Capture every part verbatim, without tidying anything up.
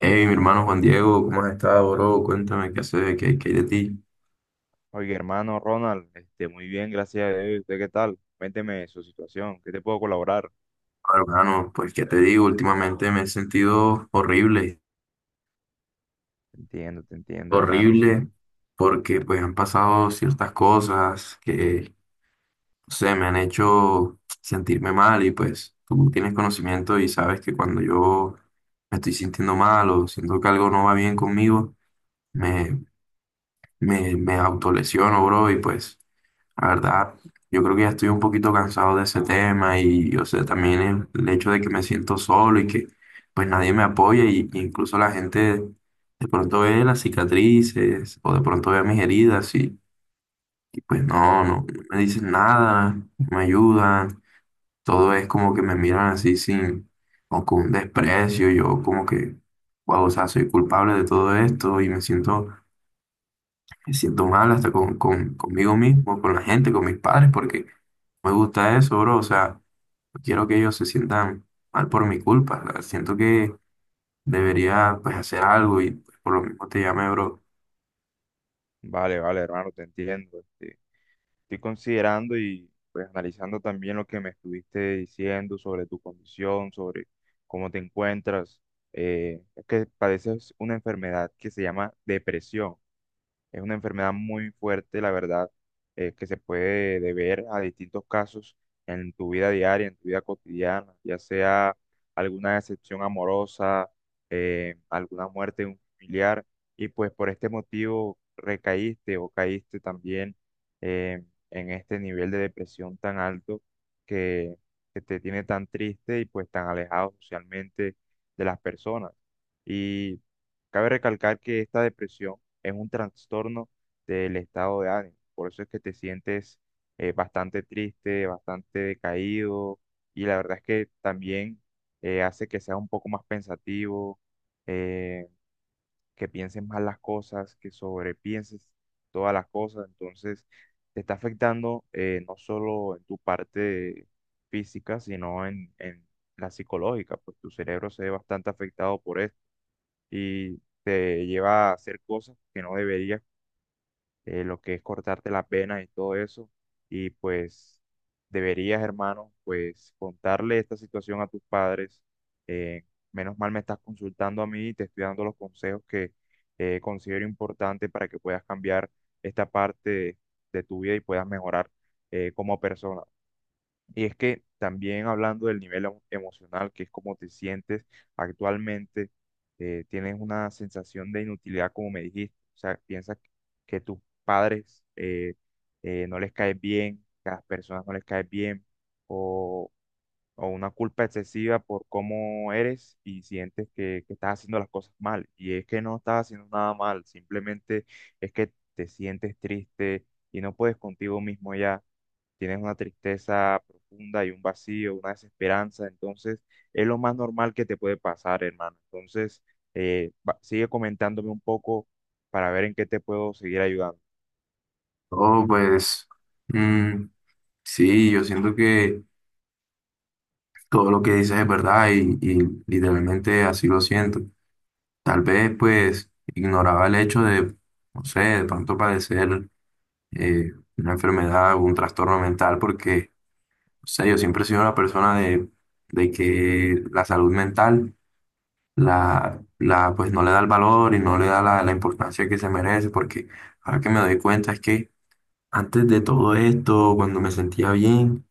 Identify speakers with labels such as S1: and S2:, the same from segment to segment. S1: Hey, mi hermano Juan Diego, ¿cómo has estado, bro? Cuéntame qué haces, qué, qué hay de ti.
S2: Oye, hermano Ronald, este, muy bien, gracias a Dios. ¿Usted qué tal? Cuénteme su situación, ¿qué te puedo colaborar?
S1: Bueno, hermano, pues qué te digo, últimamente me he sentido horrible,
S2: Te entiendo, te entiendo, hermano, sí.
S1: horrible, porque pues han pasado ciertas cosas que, no sé, me han hecho sentirme mal y pues tú tienes conocimiento y sabes que cuando yo me estoy sintiendo mal o siento que algo no va bien conmigo, me, me, me autolesiono, bro, y pues... La verdad, yo creo que ya estoy un poquito cansado de ese tema y, o sea, también el, el hecho de que me siento solo y que pues nadie me apoya y y incluso la gente de pronto ve las cicatrices o de pronto ve mis heridas y, y, pues no, no, no me dicen nada, no me ayudan, todo es como que me miran así sin o con un desprecio, yo como que, wow, o sea, soy culpable de todo esto y me siento me siento mal hasta con, con- conmigo mismo, con la gente, con mis padres, porque no me gusta eso, bro. O sea, no quiero que ellos se sientan mal por mi culpa. O sea, siento que debería, pues, hacer algo y pues, por lo mismo te llamé, bro.
S2: Vale, vale, hermano, te entiendo. Este, estoy considerando y pues analizando también lo que me estuviste diciendo sobre tu condición, sobre cómo te encuentras. Eh, es que padeces una enfermedad que se llama depresión. Es una enfermedad muy fuerte, la verdad, eh, que se puede deber a distintos casos en tu vida diaria, en tu vida cotidiana, ya sea alguna decepción amorosa, eh, alguna muerte de un familiar, y pues por este motivo recaíste o caíste también eh, en este nivel de depresión tan alto que, que te tiene tan triste y pues tan alejado socialmente de las personas. Y cabe recalcar que esta depresión es un trastorno del estado de ánimo. Por eso es que te sientes eh, bastante triste, bastante decaído, y la verdad es que también eh, hace que seas un poco más pensativo, eh, que pienses más las cosas, que sobrepienses todas las cosas. Entonces, te está afectando eh, no solo en tu parte física, sino en, en la psicológica, pues tu cerebro se ve bastante afectado por esto y te lleva a hacer cosas que no deberías, eh, lo que es cortarte las venas y todo eso. Y pues deberías, hermano, pues contarle esta situación a tus padres. Eh, Menos mal me estás consultando a mí y te estoy dando los consejos que eh, considero importante para que puedas cambiar esta parte de, de tu vida y puedas mejorar eh, como persona. Y es que también hablando del nivel emo- emocional, que es como te sientes actualmente, eh, tienes una sensación de inutilidad, como me dijiste. O sea, piensas que que tus padres eh, eh, no les caes bien, que a las personas no les caes bien, o, o una culpa excesiva por cómo eres y sientes que, que estás haciendo las cosas mal. Y es que no estás haciendo nada mal, simplemente es que te sientes triste y no puedes contigo mismo, ya tienes una tristeza profunda y un vacío, una desesperanza. Entonces es lo más normal que te puede pasar, hermano. Entonces, eh, va- sigue comentándome un poco para ver en qué te puedo seguir ayudando.
S1: Oh, pues, mm, sí, yo siento que todo lo que dices es verdad y, y literalmente así lo siento. Tal vez, pues, ignoraba el hecho de, no sé, de pronto padecer eh, una enfermedad o un trastorno mental porque, o sea, yo siempre he sido una persona de, de que la salud mental la, la, pues, no le da el valor y no le da la, la importancia que se merece, porque ahora que me doy cuenta es que antes de todo esto, cuando me sentía bien,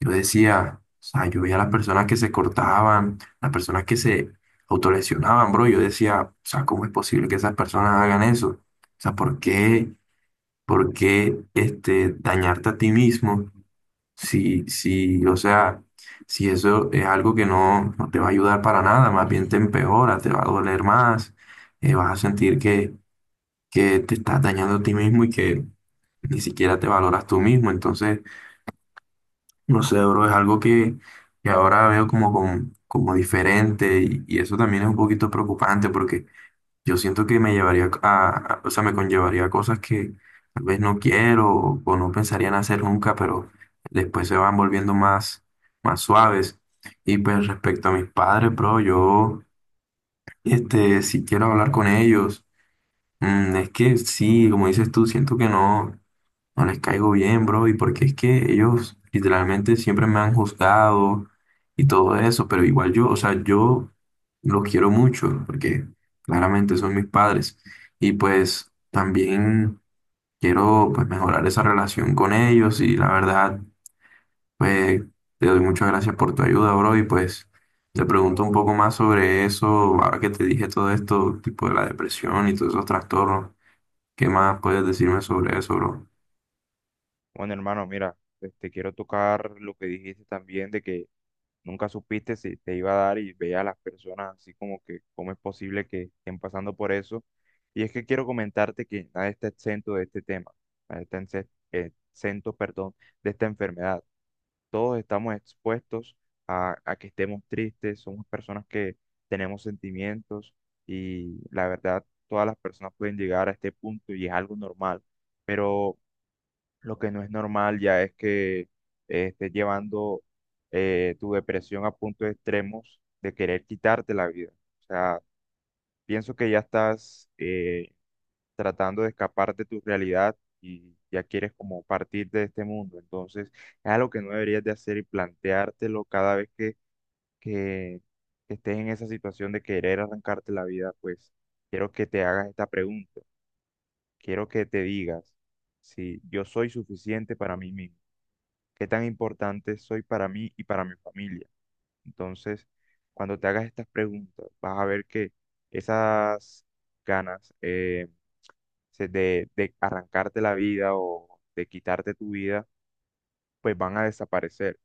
S1: yo decía, o sea, yo veía las personas que se cortaban, las personas que se autolesionaban, bro, yo decía, o sea, ¿cómo es posible que esas personas hagan eso? O sea, ¿por qué, por qué este, dañarte a ti mismo? Sí, sí, o sea, si eso es algo que no, no te va a ayudar para nada, más bien te empeora, te va a doler más, eh, vas a sentir que, que te estás dañando a ti mismo y que ni siquiera te valoras tú mismo. Entonces, no sé, bro, es algo que, que ahora veo como, como, como diferente y, y eso también es un poquito preocupante porque yo siento que me llevaría a, a- o sea, me conllevaría cosas que tal vez no quiero o, o no pensaría en hacer nunca, pero después se van volviendo más, más suaves. Y pues respecto a mis padres, bro, yo, este, si quiero hablar con ellos, mm, es que sí, como dices tú, siento que no. No les caigo bien, bro, y porque es que ellos literalmente siempre me han juzgado y todo eso, pero igual yo, o sea, yo los quiero mucho porque claramente son mis padres y pues también quiero pues mejorar esa relación con ellos y la verdad, pues te doy muchas gracias por tu ayuda, bro, y pues te pregunto un poco más sobre eso, ahora que te dije todo esto, tipo de la depresión y todos esos trastornos, ¿qué más puedes decirme sobre eso, bro?
S2: Bueno, hermano, mira, este, quiero tocar lo que dijiste también de que nunca supiste si te iba a dar y veía a las personas así como que cómo es posible que estén pasando por eso. Y es que quiero comentarte que nadie está exento de este tema, nadie está ense- eh, exento, perdón, de esta enfermedad. Todos estamos expuestos a, a que estemos tristes, somos personas que tenemos sentimientos, y la verdad, todas las personas pueden llegar a este punto y es algo normal, pero lo que no es normal ya es que eh, estés llevando eh, tu depresión a puntos extremos de querer quitarte la vida. O sea, pienso que ya estás eh, tratando de escapar de tu realidad y ya quieres como partir de este mundo. Entonces, es algo que no deberías de hacer y planteártelo cada vez que, que estés en esa situación de querer arrancarte la vida. Pues quiero que te hagas esta pregunta, quiero que te digas si yo soy suficiente para mí mismo, qué tan importante soy para mí y para mi familia. Entonces, cuando te hagas estas preguntas, vas a ver que esas ganas, eh, se- de, de arrancarte la vida o de quitarte tu vida, pues van a desaparecer.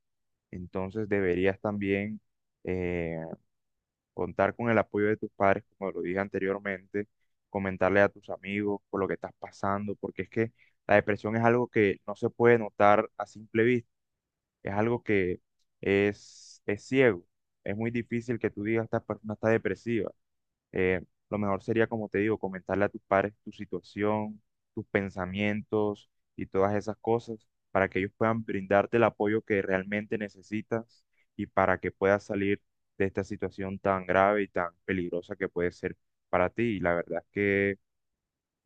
S2: Entonces deberías también eh, contar con el apoyo de tus padres, como lo dije anteriormente, comentarle a tus amigos por lo que estás pasando, porque es que la depresión es algo que no se puede notar a simple vista, es algo que es, es ciego. Es muy difícil que tú digas, esta persona está depresiva. eh, lo mejor sería, como te digo, comentarle a tus padres tu situación, tus pensamientos y todas esas cosas para que ellos puedan brindarte el apoyo que realmente necesitas y para que puedas salir de esta situación tan grave y tan peligrosa que puede ser para ti. Y la verdad es que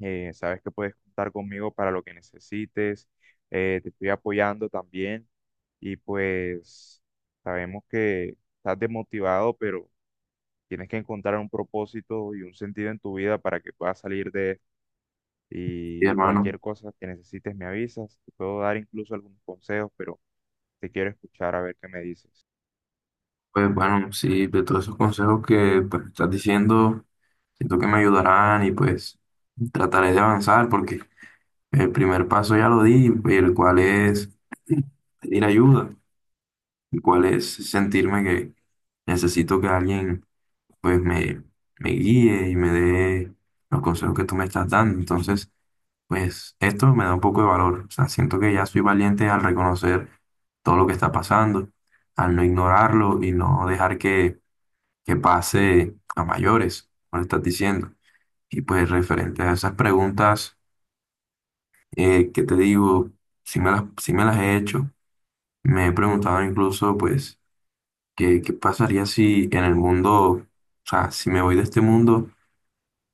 S2: eh, sabes que puedes contar conmigo para lo que necesites, eh, te estoy apoyando también, y pues sabemos que estás desmotivado, pero... Tienes que encontrar un propósito y un sentido en tu vida para que puedas salir de esto.
S1: Sí,
S2: Y
S1: hermano.
S2: cualquier cosa que necesites me avisas. Te puedo dar incluso algunos consejos, pero te quiero escuchar a ver qué me dices.
S1: Pues bueno, sí, de todos esos consejos que pues, estás diciendo, siento que me ayudarán y pues trataré de avanzar porque el primer paso ya lo di, el cual es pedir ayuda, el cual es sentirme que necesito que alguien pues me, me guíe y me dé los consejos que tú me estás dando. Entonces, pues esto me da un poco de valor. O sea, siento que ya soy valiente al reconocer todo lo que está pasando, al no ignorarlo y no dejar que que pase a mayores, como estás diciendo. Y pues referente a esas preguntas eh, que te digo, si me las, sí me las he hecho, me he preguntado incluso pues qué, qué pasaría si en el mundo, o sea, si me voy de este mundo,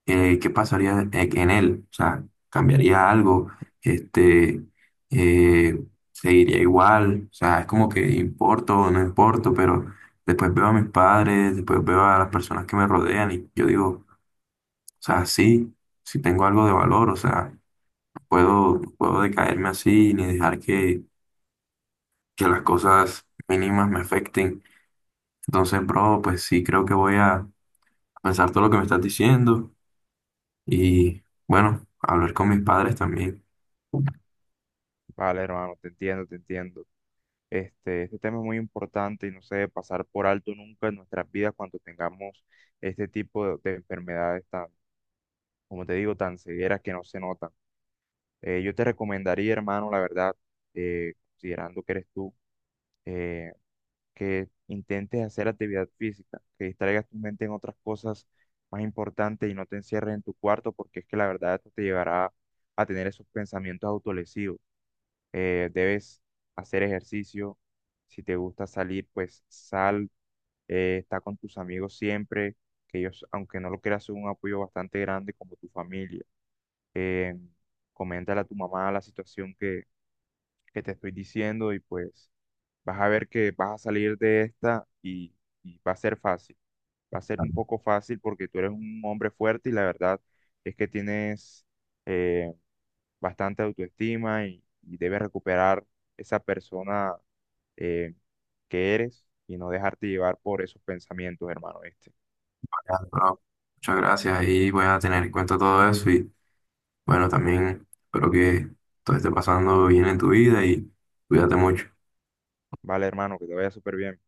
S1: eh, qué pasaría e- en él, o sea, cambiaría algo, este, eh, seguiría igual, o sea, es como que importo o no importo, pero después veo a mis padres, después veo a las personas que me rodean y yo digo, o sea, sí, sí tengo algo de valor, o sea, no puedo, no puedo decaerme así ni dejar que, que las cosas mínimas me afecten. Entonces, bro, pues sí creo que voy a pensar todo lo que me estás diciendo y bueno, hablar con mis padres también.
S2: Vale, hermano, te entiendo, te entiendo. Este, este tema es muy importante y no se debe pasar por alto nunca en nuestras vidas cuando tengamos este tipo de, de enfermedades tan, como te digo, tan severas que no se notan. Eh, yo te recomendaría, hermano, la verdad, eh, considerando que eres tú. eh, que intentes hacer actividad física, que distraigas tu mente en otras cosas más importantes y no te encierres en tu cuarto, porque es que la verdad esto te llevará a tener esos pensamientos autolesivos. Eh, debes hacer ejercicio, si te gusta salir, pues sal, eh, está con tus amigos siempre, que ellos, aunque no lo creas, son un apoyo bastante grande como tu familia. Eh, Coméntale a tu mamá la situación que, que te estoy diciendo y pues vas a ver que vas a salir de esta, y, y va a ser fácil. Va a ser un poco fácil porque tú eres un hombre fuerte y la verdad es que tienes eh, bastante autoestima, y, y debes recuperar esa persona eh, que eres y no dejarte llevar por esos pensamientos, hermano, este.
S1: Vale, bro, muchas gracias y voy a tener en cuenta todo eso y bueno, también espero que todo esté pasando bien en tu vida y cuídate mucho.
S2: Vale, hermano, que te vaya súper bien.